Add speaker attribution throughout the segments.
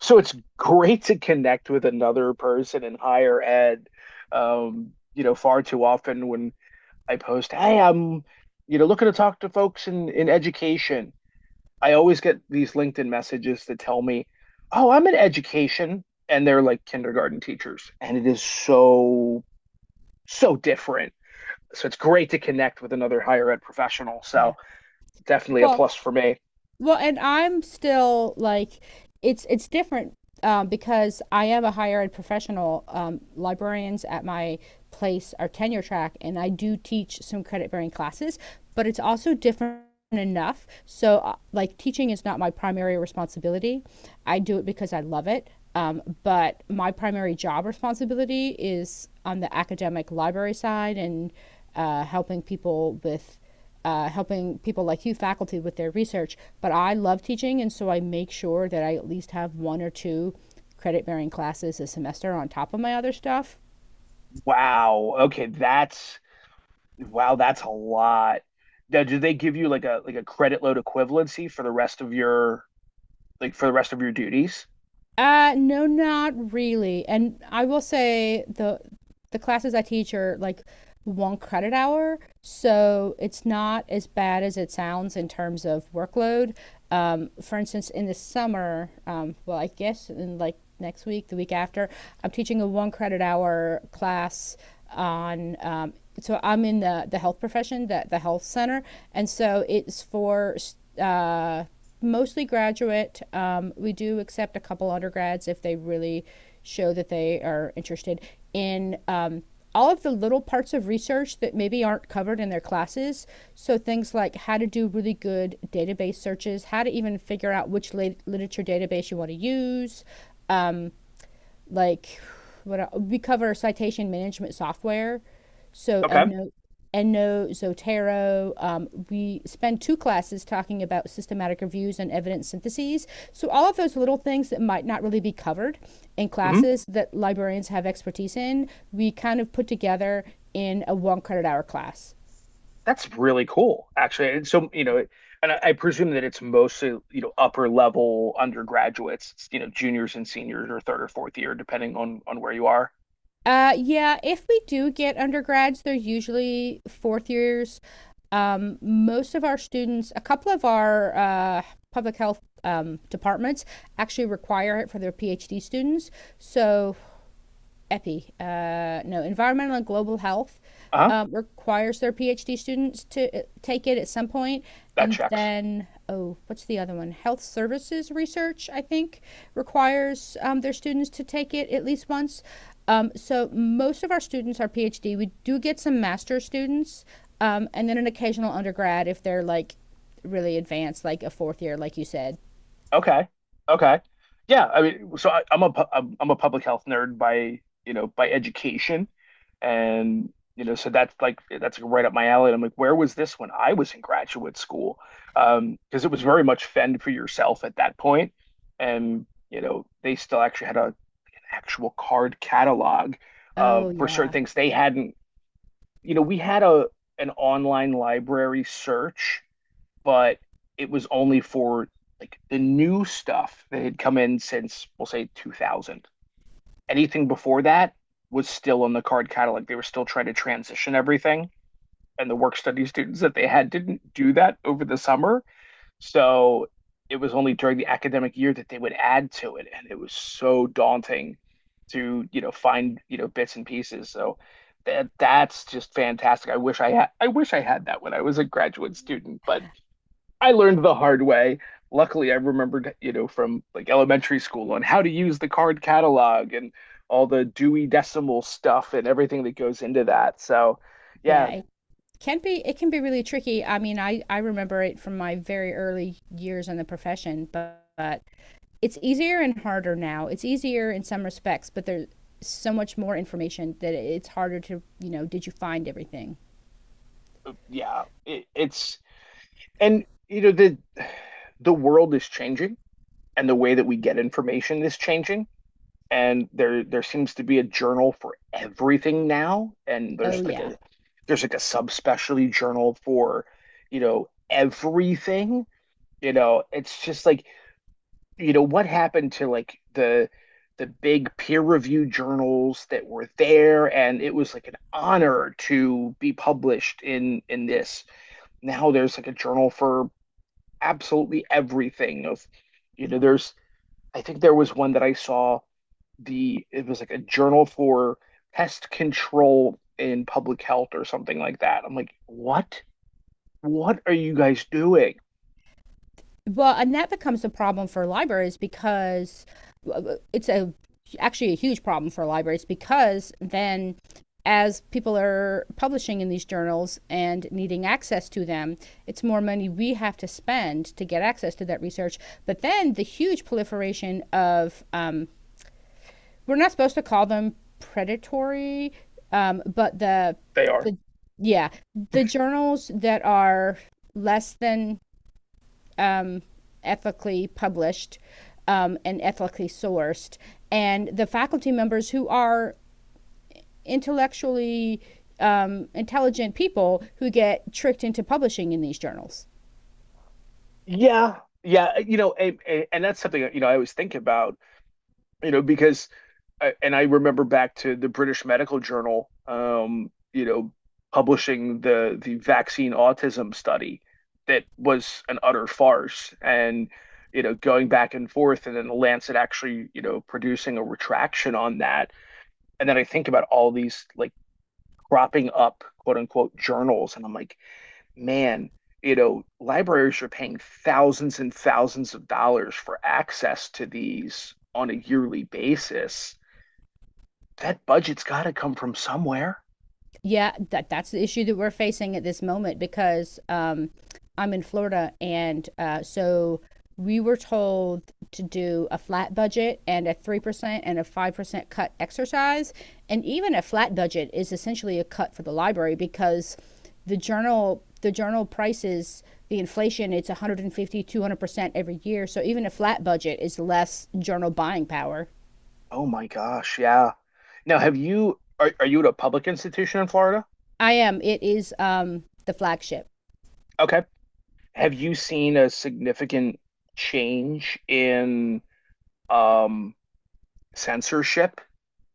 Speaker 1: So it's great to connect with another person in higher ed. Far too often when I post, hey, I'm looking to talk to folks in education, I always get these LinkedIn messages that tell me, oh, I'm in education, and they're like kindergarten teachers, and it is so different. So it's great to connect with another higher ed professional. So
Speaker 2: Yeah.
Speaker 1: definitely a
Speaker 2: Well,
Speaker 1: plus for me.
Speaker 2: and I'm still like, it's different, because I am a higher ed professional. Librarians at my place are tenure track, and I do teach some credit bearing classes, but it's also different enough. So, like, teaching is not my primary responsibility. I do it because I love it. But my primary job responsibility is on the academic library side and helping people with helping people like you, faculty, with their research. But I love teaching, and so I make sure that I at least have one or two credit bearing classes a semester on top of my other stuff.
Speaker 1: Wow. Okay, that's Wow, that's a lot. Now, do they give you like a credit load equivalency for the rest of your, like for the rest of your duties?
Speaker 2: No, not really. And I will say the classes I teach are like one credit hour, so it's not as bad as it sounds in terms of workload. For instance, in the summer, well, I guess in like next week, the week after, I'm teaching a one credit hour class on so I'm in the health profession, the health center, and so it's for uh mostly graduate. We do accept a couple undergrads if they really show that they are interested in all of the little parts of research that maybe aren't covered in their classes. So things like how to do really good database searches, how to even figure out which literature database you want to use, like what we cover citation management software. So
Speaker 1: Okay.
Speaker 2: EndNote, EndNote, Zotero. We spend two classes talking about systematic reviews and evidence syntheses. So all of those little things that might not really be covered in
Speaker 1: Hmm.
Speaker 2: classes that librarians have expertise in, we kind of put together in a one credit hour class.
Speaker 1: That's really cool, actually. And so, you know, and I presume that it's mostly, you know, upper level undergraduates, you know, juniors and seniors, or third or fourth year, depending on where you are.
Speaker 2: Yeah, if we do get undergrads, they're usually fourth years. Most of our students, a couple of our public health departments actually require it for their PhD students. So EPI, no, Environmental and Global Health,
Speaker 1: Uh-huh.
Speaker 2: requires their PhD students to take it at some point.
Speaker 1: That
Speaker 2: And
Speaker 1: checks.
Speaker 2: then, oh, what's the other one? Health Services Research, I think, requires their students to take it at least once. So most of our students are PhD. We do get some master students, and then an occasional undergrad if they're like really advanced, like a fourth year, like you said.
Speaker 1: Okay. Okay. Yeah, I mean, so I, I'm a pu- I'm a public health nerd by, you know, by education. And, you know, so that's like right up my alley. And I'm like, where was this when I was in graduate school? Because it was very much fend for yourself at that point. And, you know, they still actually had an actual card catalog
Speaker 2: Oh
Speaker 1: for certain
Speaker 2: yeah,
Speaker 1: things they hadn't, you know, we had a an online library search, but it was only for like the new stuff that had come in since, we'll say, 2000. Anything before that was still on the card catalog. They were still trying to transition everything, and the work study students that they had didn't do that over the summer. So it was only during the academic year that they would add to it, and it was so daunting to, you know, find, you know, bits and pieces. So that's just fantastic. I wish I had that when I was a graduate student, but I learned the hard way. Luckily, I remembered, you know, from like elementary school on, how to use the card catalog and all the Dewey Decimal stuff and everything that goes into that. So, yeah,
Speaker 2: yeah. can be it can be really tricky. I mean, I remember it from my very early years in the profession, but it's easier and harder now. It's easier in some respects, but there's so much more information that it's harder to, you know, did you find everything?
Speaker 1: yeah, it's and you know, the world is changing, and the way that we get information is changing, and there seems to be a journal for everything now, and
Speaker 2: Oh
Speaker 1: there's like
Speaker 2: yeah.
Speaker 1: a subspecialty journal for, you know, everything. You know, it's just like, you know, what happened to like the big peer reviewed journals that were there, and it was like an honor to be published in this. Now there's like a journal for absolutely everything. Of you know, there's I think there was one that I saw, the it was like a journal for pest control in public health or something like that. I'm like, what? What are you guys doing?
Speaker 2: Well, and that becomes a problem for libraries because it's a actually a huge problem for libraries because then as people are publishing in these journals and needing access to them, it's more money we have to spend to get access to that research. But then the huge proliferation of, we're not supposed to call them predatory, but
Speaker 1: They are.
Speaker 2: the, yeah, the journals that are less than, um, ethically published, and ethically sourced, and the faculty members who are intellectually, intelligent people who get tricked into publishing in these journals.
Speaker 1: Yeah. Yeah. You know, and that's something, you know, I always think about, you know, because, and I remember back to the British Medical Journal, you know, publishing the vaccine autism study that was an utter farce, and you know, going back and forth, and then the Lancet actually, you know, producing a retraction on that, and then I think about all these like cropping up, quote unquote, journals, and I'm like, man. You know, libraries are paying thousands and thousands of dollars for access to these on a yearly basis. That budget's got to come from somewhere.
Speaker 2: Yeah, that's the issue that we're facing at this moment because, I'm in Florida, and so we were told to do a flat budget and a 3% and a 5% cut exercise, and even a flat budget is essentially a cut for the library because the journal prices, the inflation, it's one hundred and fifty two hundred percent every year. So even a flat budget is less journal buying power.
Speaker 1: Oh my gosh, yeah. Now, have you, are you at a public institution in Florida?
Speaker 2: I am. It is, the flagship.
Speaker 1: Okay. Have you seen a significant change in um censorship?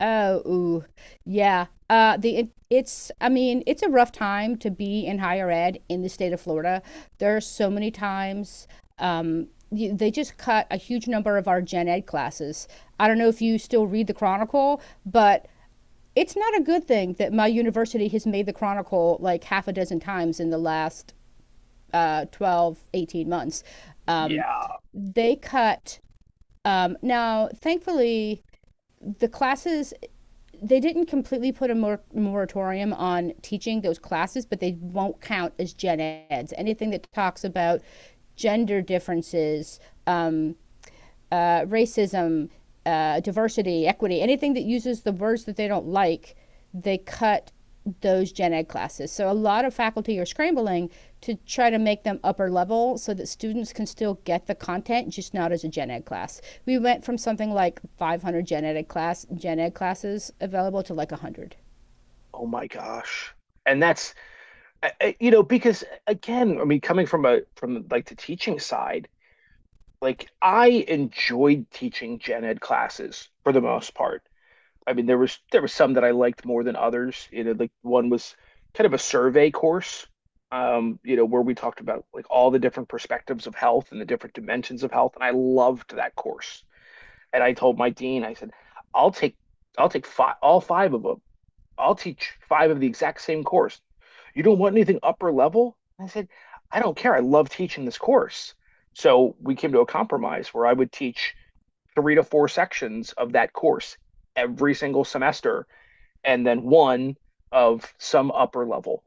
Speaker 2: Oh, ooh. Yeah. It's I mean, it's a rough time to be in higher ed in the state of Florida. There are so many times, you, they just cut a huge number of our gen ed classes. I don't know if you still read the Chronicle, but it's not a good thing that my university has made the Chronicle like half a dozen times in the last 12, 18 months. Um,
Speaker 1: Yeah.
Speaker 2: they cut, now, thankfully, the classes, they didn't completely put a moratorium on teaching those classes, but they won't count as gen eds. Anything that talks about gender differences, um, racism, diversity, equity, anything that uses the words that they don't like, they cut those gen ed classes. So a lot of faculty are scrambling to try to make them upper level so that students can still get the content, just not as a gen ed class. We went from something like 500 gen ed classes available to like 100.
Speaker 1: Oh my gosh. And that's you know, because again, I mean, coming from a, from like the teaching side, like I enjoyed teaching gen ed classes for the most part. I mean, there was some that I liked more than others. You know, like one was kind of a survey course, you know, where we talked about like all the different perspectives of health and the different dimensions of health, and I loved that course. And I told my dean, I said, "I'll take, five, all five of them. I'll teach five of the exact same course. You don't want anything upper level?" I said, "I don't care. I love teaching this course." So we came to a compromise where I would teach three to four sections of that course every single semester, and then one of some upper level.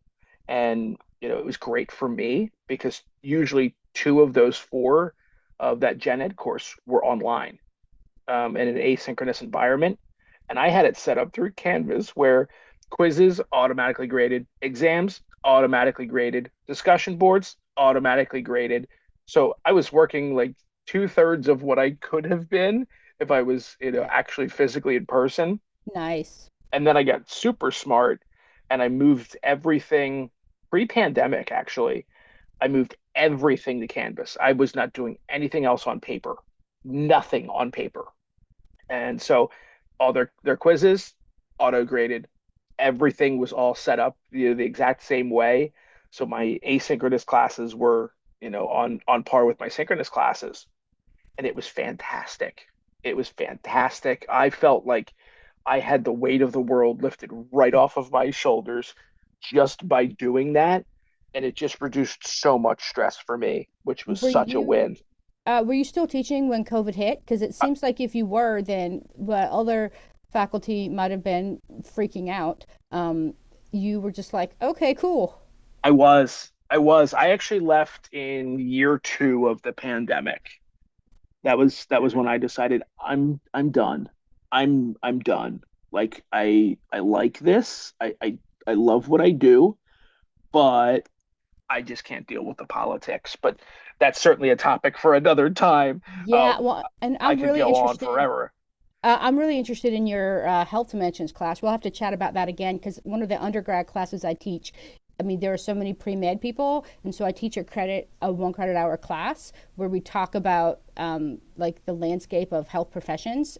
Speaker 1: And, you know, it was great for me because usually two of those four of that gen ed course were online, in an asynchronous environment. And I had it set up through Canvas where quizzes automatically graded, exams automatically graded, discussion boards automatically graded. So I was working like two-thirds of what I could have been if I was, you know, actually physically in person.
Speaker 2: Nice.
Speaker 1: And then I got super smart and I moved everything pre-pandemic, actually. I moved everything to Canvas. I was not doing anything else on paper, nothing on paper. And so all their quizzes auto graded. Everything was all set up, you know, the exact same way. So my asynchronous classes were, you know, on par with my synchronous classes, and it was fantastic. It was fantastic. I felt like I had the weight of the world lifted right off of my shoulders just by doing that. And it just reduced so much stress for me, which was
Speaker 2: Were
Speaker 1: such a
Speaker 2: you
Speaker 1: win.
Speaker 2: were you still teaching when COVID hit? Because it
Speaker 1: I,
Speaker 2: seems like if you were, then but other faculty might have been freaking out. Um, you were just like, okay, cool.
Speaker 1: I was, I actually left in year two of the pandemic. That was when I decided I'm done. I'm done. Like I love what I do, but I just can't deal with the politics. But that's certainly a topic for another time.
Speaker 2: Yeah,
Speaker 1: Um,
Speaker 2: well, and
Speaker 1: I
Speaker 2: I'm
Speaker 1: could
Speaker 2: really
Speaker 1: go on
Speaker 2: interested.
Speaker 1: forever.
Speaker 2: I'm really interested in your health dimensions class. We'll have to chat about that again because one of the undergrad classes I teach, I mean, there are so many pre med people. And so I teach a one credit hour class where we talk about like the landscape of health professions.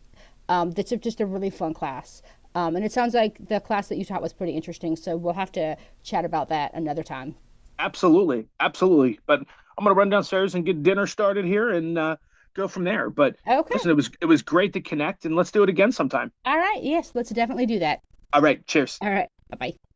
Speaker 2: That's just a really fun class. And it sounds like the class that you taught was pretty interesting. So we'll have to chat about that another time.
Speaker 1: Absolutely, absolutely. But I'm gonna run downstairs and get dinner started here, and go from there. But listen,
Speaker 2: Okay.
Speaker 1: it was great to connect, and let's do it again sometime.
Speaker 2: All right. Yes, let's definitely do that.
Speaker 1: All right, cheers.
Speaker 2: All right. Bye bye.